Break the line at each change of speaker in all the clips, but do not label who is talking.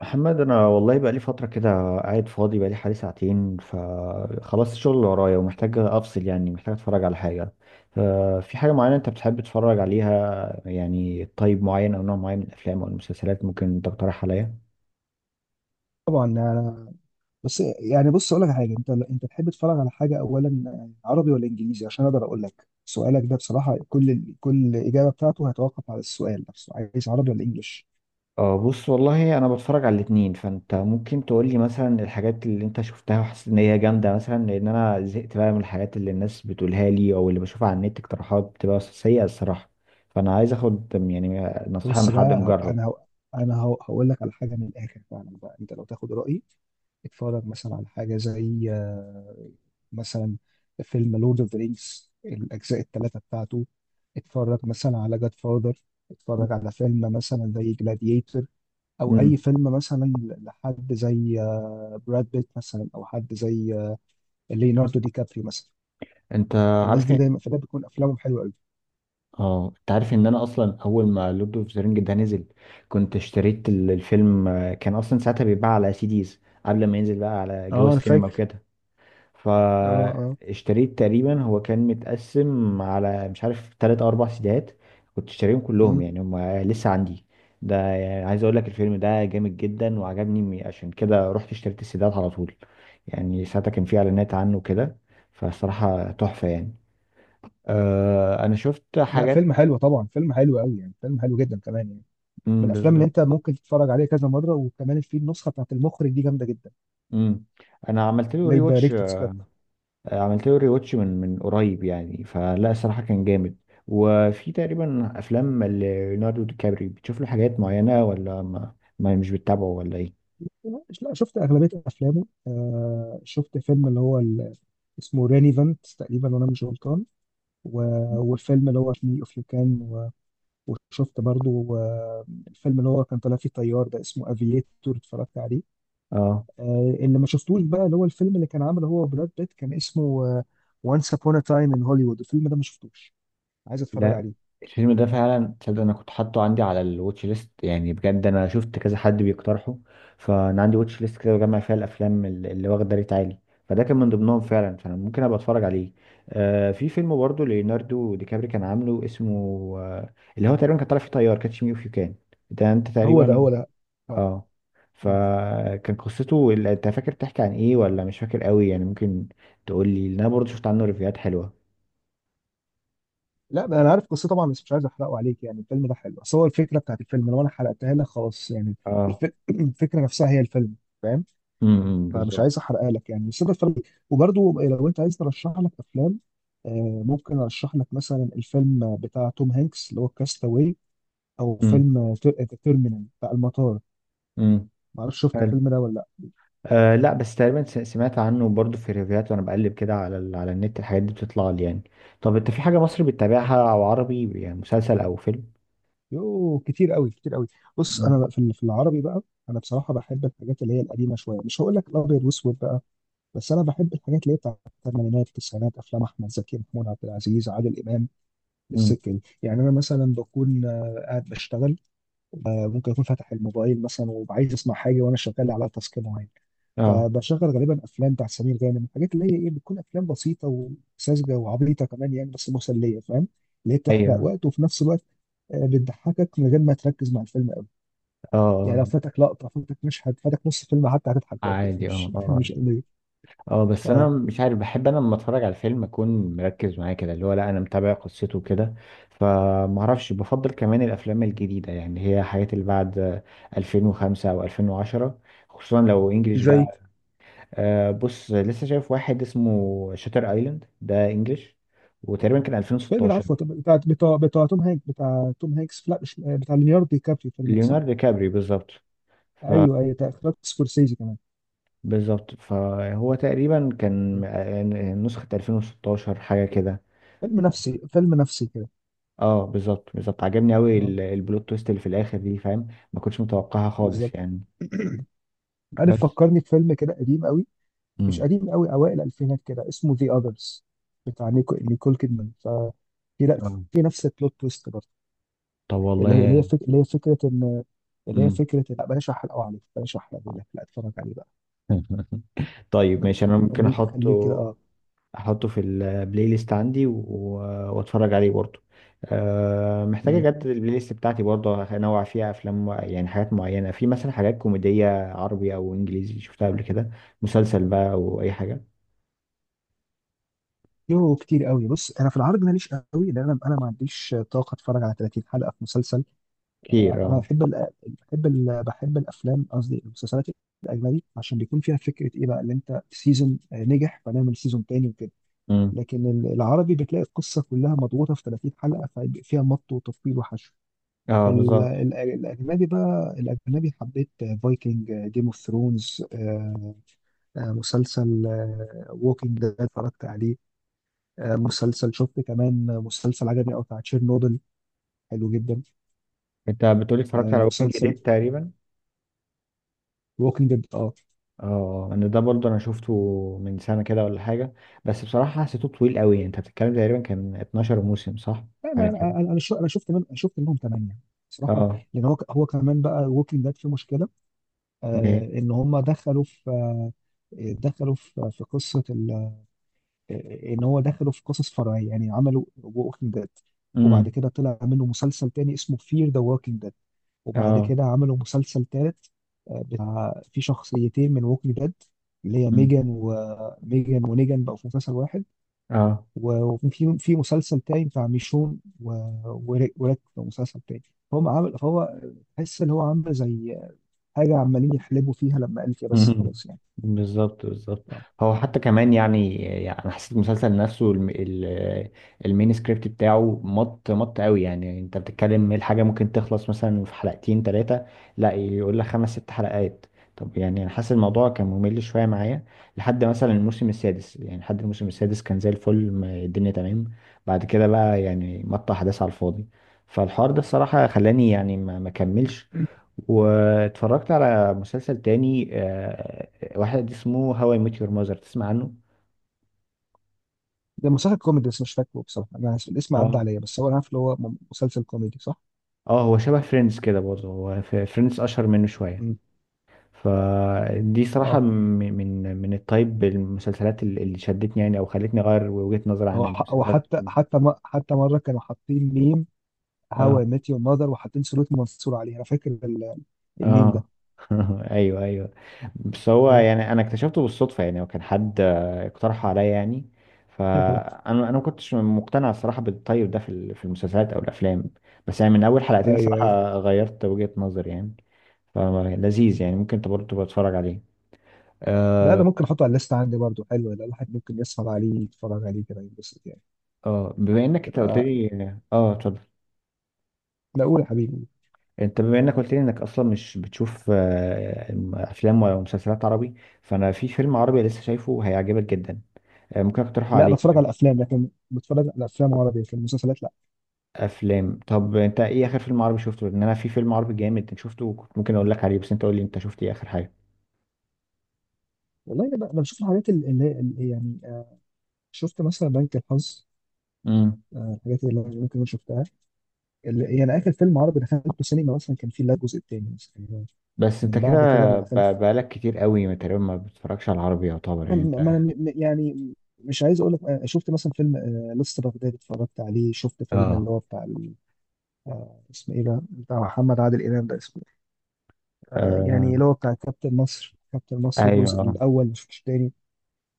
محمد، انا والله بقى لي فتره كده. قاعد فاضي بقى لي حوالي ساعتين، فخلاص الشغل اللي ورايا ومحتاج افصل، يعني محتاج اتفرج على حاجه. ففي حاجه معينه انت بتحب تتفرج عليها؟ يعني طيب معين او نوع معين من الافلام او المسلسلات ممكن تقترح عليا؟
طبعا، انا، بس يعني، بص اقول لك على حاجه، انت تحب تتفرج على حاجه اولا عربي ولا انجليزي، عشان اقدر اقول لك. سؤالك ده بصراحه كل اجابه بتاعته هيتوقف على السؤال نفسه. عايز عربي ولا انجليش؟
اه، بص والله انا بتفرج على الاتنين، فانت ممكن تقول لي مثلا الحاجات اللي انت شفتها وحسيت ان هي جامده مثلا، لان انا زهقت بقى من الحاجات اللي الناس بتقولها لي او اللي بشوفها على النت، اقتراحات بتبقى سيئه الصراحه. فانا عايز اخد يعني نصيحه من
بص
حد
بقى، هو
مجرب.
انا هو انا هو هقول لك على حاجه من الاخر فعلا بقى. انت لو تاخد رايي، اتفرج مثلا على حاجه زي، مثلا، فيلم لورد اوف ذا رينجز، الاجزاء الثلاثه بتاعته. اتفرج مثلا على جاد فاذر. اتفرج على فيلم مثلا زي جلاديتور، او اي فيلم مثلا لحد زي براد بيت مثلا، او حد زي ليوناردو دي كابريو مثلا.
انت
الناس
عارف؟
دي دايما في الأغلب بتكون افلامهم حلوه قوي.
اه، انت عارف ان انا اصلا اول ما لورد اوف ذا رينج ده نزل، كنت اشتريت الفيلم. كان اصلا ساعتها بيتباع على سيديز قبل ما ينزل بقى على جو
اه، انا
السينما
فاكر.
وكده.
اه. اه.
فاشتريت تقريبا، هو كان متقسم على مش عارف تلات او اربع سيديهات. كنت اشتريهم كلهم
مم.
يعني، هم لسه عندي. ده يعني عايز اقول لك الفيلم ده جامد جدا وعجبني، عشان كده رحت اشتريت السيديهات على طول. يعني ساعتها كان في اعلانات عنه كده، فصراحة تحفة يعني. آه انا شفت
لا،
حاجات.
فيلم حلو طبعا، فيلم حلو قوي يعني، فيلم حلو جدا كمان يعني. من
مم،
الافلام اللي
بالظبط.
انت ممكن تتفرج عليها كذا مره، وكمان في النسخه بتاعت المخرج دي جامده جدا،
مم. انا عملت له
اللي
ري واتش،
دايركتور سكات.
عملت له ري واتش من قريب يعني، فلا الصراحه كان جامد. وفي تقريبا افلام ليوناردو دي كابري بتشوف له حاجات معينه، ولا ما مش بتتابعه ولا ايه؟
لا، شفت اغلبيه افلامه. آه، شفت فيلم اللي هو اسمه رينيفنت تقريبا، وانا مش غلطان. والفيلم اللي هو فيه اوف يو كان. وشفت برضو الفيلم اللي هو كان طالع فيه طيار، ده اسمه افييتور، اتفرجت عليه.
اه،
اللي ما شفتوش بقى، اللي هو الفيلم اللي كان عامله هو براد بيت، كان اسمه وانس ابون تايم ان هوليوود. الفيلم ده ما شفتوش، عايز اتفرج
لا.
عليه.
الفيلم ده فعلا تصدق انا كنت حاطه عندي على الواتش ليست، يعني بجد انا شفت كذا حد بيقترحه. فانا عندي واتش ليست كده بجمع فيها الافلام اللي واخده ريت عالي، فده كان من ضمنهم فعلا، فانا ممكن ابقى اتفرج عليه. آه، في فيلم برضه ليوناردو دي كابري كان عامله اسمه، آه اللي هو تقريبا كان طالع فيه طيار، كاتش مي اوف يو كان. ده انت
هو ده،
تقريبا.
هو ده. اه.
اه،
مم.
فكان قصته انت فاكر تحكي عن ايه ولا مش فاكر قوي يعني؟ ممكن تقول لي، لأن انا برضه شفت عنه ريفيوهات حلوه.
لا بقى، انا عارف قصته طبعا، بس مش عايز احرقه عليك يعني. الفيلم ده حلو، بس هو الفكره بتاعت الفيلم لو انا حرقتها لك خلاص يعني.
اه.
الفكره نفسها هي الفيلم، فاهم؟
امم،
فمش
بالظبط.
عايز احرقها لك يعني، بس انت اتفرج. وبرده، لو انت عايز ترشح لك افلام، ممكن ارشح لك مثلا الفيلم بتاع توم هانكس اللي هو كاستاوي، او فيلم تيرمينال بتاع المطار.
امم.
ما اعرفش شفت
حلو.
الفيلم ده ولا لا.
آه لا، بس تقريبا سمعت عنه برضو في ريفيوهات، وانا بقلب كده على على النت الحاجات دي بتطلع لي يعني. طب انت في حاجه مصري
آه.
بتتابعها او عربي، يعني مسلسل او فيلم؟
يوه، كتير قوي، كتير قوي. بص،
مم.
انا بقى في العربي بقى. انا بصراحه بحب الحاجات اللي هي القديمه شويه، مش هقول لك الابيض واسود بقى، بس انا بحب الحاجات اللي هي بتاعت الثمانينات، التسعينات، افلام احمد زكي، محمود عبد العزيز، عادل امام،
امم.
السكه دي يعني. انا مثلا بكون قاعد بشتغل، ممكن اكون فاتح الموبايل مثلا، وعايز اسمع حاجه وانا شغال على تاسك معين.
اه.
فبشغل غالبا افلام بتاع سمير غانم، الحاجات اللي هي ايه، بتكون افلام بسيطه وساذجه وعبيطه كمان يعني، بس مسليه، فاهم؟ اللي هي بتحرق
ايوه.
وقت، وفي نفس الوقت بتضحكك من غير ما تركز مع الفيلم قوي
اه.
يعني.
آه،
لو فاتك لقطه، فاتك مشهد، فاتك نص الفيلم حتى، هتضحك برضه يعني.
عادي. اه
مش
اه.
مش قليل.
اه بس انا
اه،
مش عارف، بحب انا لما اتفرج على الفيلم اكون مركز معاه كده، اللي هو لا انا متابع قصته كده. فمعرفش، بفضل كمان الافلام الجديده، يعني هي حاجات اللي بعد 2005 او 2010، خصوصا لو انجليش
زي
بقى. آه بص، لسه شايف واحد اسمه شاتر ايلاند، ده انجلش وتقريبا كان
فيلم
2016.
العفو، بتاع توم هانكس، لا مش بتاع ليوناردو دي كابريو، فيلم ده صح؟
ليوناردو كابري بالظبط. ف
ايوه، ايوه، بتاع اخراج سكورسيزي كمان.
بالظبط، فهو تقريبا كان نسخة 2016 حاجة كده.
فيلم نفسي، فيلم نفسي كده.
اه بالظبط بالظبط، عجبني قوي.
اه،
البلوت تويست اللي في الاخر دي فاهم، ما كنتش متوقعها خالص
بالظبط.
يعني.
عارف،
بس.
فكرني بفيلم كده قديم قوي. مش
امم.
قديم قوي، اوائل الالفينات كده، اسمه ذا اذرز بتاع نيكول كيدمان. ف في لا،
آه.
في نفس البلوت تويست برضه.
طب
اللي هي اللي هي
والله.
فك... اللي هي فكره ان اللي هي
امم.
فكره إن- لا، بلاش احرق لك. لا، اتفرج عليه بقى.
طيب ماشي، انا ممكن
خليه، خليه كده،
احطه،
اه.
احطه في البلاي ليست عندي واتفرج عليه برضه. أه محتاج
مم.
اجدد البلاي ليست بتاعتي برضه، انوع فيها افلام يعني حاجات معينه، في مثلا حاجات كوميديه عربي او انجليزي شفتها قبل كده، مسلسل بقى او اي حاجه.
يوه، كتير قوي. بص انا في العرض ماليش قوي، لان انا ما عنديش طاقه اتفرج على 30 حلقه في مسلسل.
كتير
انا
اه.
بحب الافلام، قصدي المسلسلات، الاجنبي، عشان بيكون فيها فكره ايه بقى، اللي انت سيزون نجح فنعمل سيزون تاني وكده.
امم.
لكن العربي بتلاقي القصه كلها مضغوطه في 30 حلقه، فيبقى فيها مط وتطويل وحشو. في
اه بالظبط.
الاجنبي بقى، الاجنبي حبيت فايكنج، جيم اوف ثرونز، مسلسل ووكينج ده اتفرجت عليه. مسلسل، شفت كمان مسلسل عجبني قوي بتاع تشيرنوبل، حلو جدا.
انت بتقولي اتفرجت على ووكينج
مسلسل
ديد تقريبا؟
ووكينج ديد، اه.
اه، انا ده برضه انا شفته من سنه كده ولا حاجه، بس بصراحه حسيته طويل قوي. انت بتتكلم تقريبا كان 12 موسم صح؟
لا،
حاجه
انا
كده.
انا انا شو- أنا شفت من شفت منهم 8 بصراحه.
اه.
لان هو كمان بقى، ووكينج ديد في مشكله. ان هم دخلوا في دخلوا في في قصه ال- ان هو دخلوا في قصص فرعيه يعني، عملوا ووكينج ديد، وبعد
امم.
كده طلع منه مسلسل تاني اسمه فير ذا ووكينج ديد، وبعد
اه.
كده عملوا مسلسل تالت. بتاع، في شخصيتين من ووكينج ديد، اللي هي
مم.
ميجان ونيجان، بقوا في مسلسل واحد.
اه.
وفي مسلسل تاني بتاع ميشون، و- وريك وريك في مسلسل تاني. فهم عامل فهو تحس ان هو عامل زي حاجه، عمالين يحلبوا فيها، لما قال كده بس
مم.
خلاص يعني.
بالظبط بالظبط.
اه.
هو حتى كمان يعني، يعني انا حسيت المسلسل نفسه المين سكريبت بتاعه مط مط قوي، يعني انت بتتكلم إيه، الحاجه ممكن تخلص مثلا في حلقتين ثلاثه، لا يقول لك خمس ست حلقات. طب يعني انا حاسس الموضوع كان ممل شويه معايا لحد مثلا الموسم السادس، يعني لحد الموسم السادس كان زي الفل، الدنيا تمام. بعد كده بقى يعني مط احداث على الفاضي، فالحوار ده الصراحه خلاني يعني ما كملش. واتفرجت على مسلسل تاني، واحد اسمه هاو اي ميت يور ماذر، تسمع عنه؟
ده مسلسل كوميدي، بس مش فاكره بصراحه، انا اسف الاسم عدى
اه.
عليا، بس هو انا عارف اللي هو مسلسل كوميدي صح؟
اه، هو شبه فريندز كده برضه، هو فريندز اشهر منه شويه.
امم.
فدي صراحه
اه،
من التايب المسلسلات اللي شدتني يعني، او خلتني اغير وجهه نظري عن
هو ح- هو
المسلسلات.
حتى حتى م- حتى مره كانوا حاطين ميم هاو
اه.
اي ميت يور ماذر، وحاطين سلوت منصور عليه. انا فاكر الميم ده.
اه. ايوه ايوه. بس هو
ايوه
يعني انا اكتشفته بالصدفه يعني، وكان حد اقترح عليا يعني. فانا ما كنتش مقتنع الصراحه بالطيب ده في في المسلسلات او الافلام. بس يعني من اول حلقتين
ايوه، أيوة.
الصراحه غيرت وجهه نظري يعني، فلذيذ يعني، ممكن انت برضه تبقى تتفرج عليه.
لا، ده
اه.
ممكن احطه على الليست عندي برضه، حلو ده، الواحد ممكن يسهر عليه، يتفرج عليه كده، ينبسط يعني.
اه، بما انك انت قلت
تبقى.
لي. اه اتفضل.
لا، قول يا حبيبي.
انت بما انك قلت لي انك اصلا مش بتشوف افلام ولا مسلسلات عربي، فانا في فيلم عربي لسه شايفه هيعجبك جدا، ممكن اقترحه
لا،
عليك.
بتفرج على افلام، لكن بتفرج على افلام عربي، لكن المسلسلات لا.
افلام. طب انت ايه اخر فيلم عربي شفته؟ لان انا في فيلم عربي جامد شفته كنت ممكن اقول لك عليه، بس انت قول لي انت شفت ايه اخر حاجه.
والله، انا أنا بشوف الحاجات اللي يعني شفت مثلا بنك الحظ.
امم.
الحاجات اللي ممكن اكون شفتها، اللي يعني اخر فيلم عربي دخلته سينما مثلا، كان فيه لا الجزء الثاني مثلا.
بس انت
من
كده،
بعد كده ما
ب-
دخلت.
بقالك كتير قوي ما تقريبا ما بتتفرجش على العربي يعتبر، يعني انت.
يعني مش عايز اقول لك، شفت مثلا فيلم، لسه بغداد اتفرجت عليه، شفت فيلم
اه.
اللي هو بتاع، اسمه ايه ده بتاع محمد عادل امام، ده اسمه،
آه...
يعني اللي هو بتاع كابتن مصر، كابتن مصر الجزء
ايوه.
الاول مش الثاني.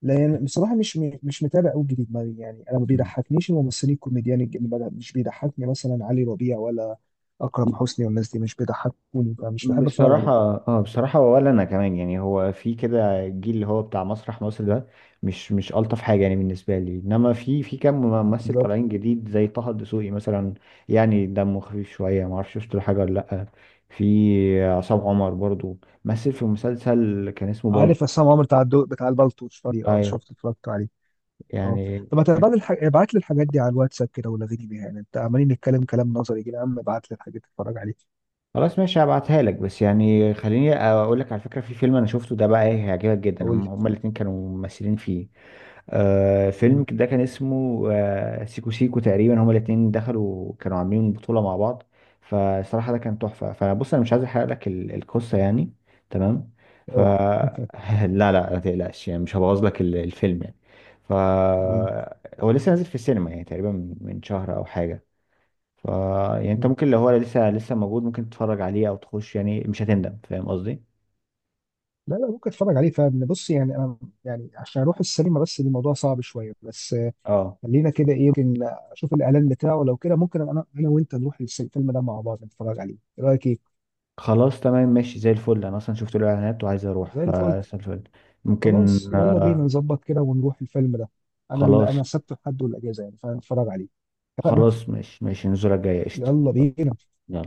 لان بصراحه مش متابع قوي جديد. يعني انا ما
مم.
بيضحكنيش الممثلين الكوميديان اللي مش بيضحكني، مثلا علي ربيع ولا اكرم حسني، والناس دي مش بيضحكوني، فمش بحب اتفرج
بصراحة.
عليهم.
اه بصراحة، ولا انا كمان يعني. هو في كده الجيل اللي هو بتاع مسرح مصر ده مش الطف حاجة يعني بالنسبة لي، انما في كام ممثل
بالظبط.
طالعين جديد زي طه الدسوقي مثلا، يعني دمه خفيف شوية. ما اعرفش شفت له حاجة ولا لأ. في عصام عمر برضو، مثل في مسلسل كان اسمه
عارف
بالطو.
عصام عمر بتاع البلطو، شفت- اه
ايوه.
شفت اتفرجت عليه، اه.
يعني
طب، ما تبعت الح... ابعت لي الحاجات دي على الواتساب كده، ولغيني بيها يعني، انت عمالين نتكلم كلام نظري كده يا عم، ابعت لي الحاجات تتفرج عليها.
خلاص ماشي، هبعتها لك. بس يعني خليني اقول لك على فكرة، في فيلم انا شفته ده بقى ايه، هيعجبك جدا،
قول
هم
لي.
هما الاتنين كانوا ممثلين فيه. آه
مم.
فيلم ده كان اسمه، آه سيكو سيكو تقريبا، هما الاتنين دخلوا كانوا عاملين بطولة مع بعض، فصراحة ده كان تحفة. فبص انا مش عايز احرق لك القصة يعني. تمام. ف
اوعى.
لا لا ما تقلقش يعني، مش هبوظ لك الفيلم يعني. ف
مم.
هو لسه نازل في السينما يعني تقريبا من شهر او حاجة. ف يعني انت
مم.
ممكن، لو هو لسه لسه موجود، ممكن تتفرج عليه او تخش، يعني مش هتندم، فاهم قصدي؟
لا لا، ممكن اتفرج عليه، فاهم؟ بص يعني انا، يعني عشان اروح السينما بس الموضوع صعب شويه، بس،
اه.
خلينا كده، ايه، ممكن اشوف الاعلان بتاعه، لو كده ممكن انا وانت نروح الفيلم ده مع بعض، نتفرج عليه، ايه رايك، ايه.
خلاص تمام ماشي، زي الفل. انا اصلا شفت له اعلانات وعايز اروح،
زي الفل.
فزي الفل. ممكن،
خلاص، يلا بينا، نظبط كده ونروح الفيلم ده. انا
خلاص
انا سبت حد والاجازه يعني، فنتفرج عليه. اتفقنا.
خلاص ماشي ماشي. النزولة الجاية، قشطة.
يلا بينا.
يلا.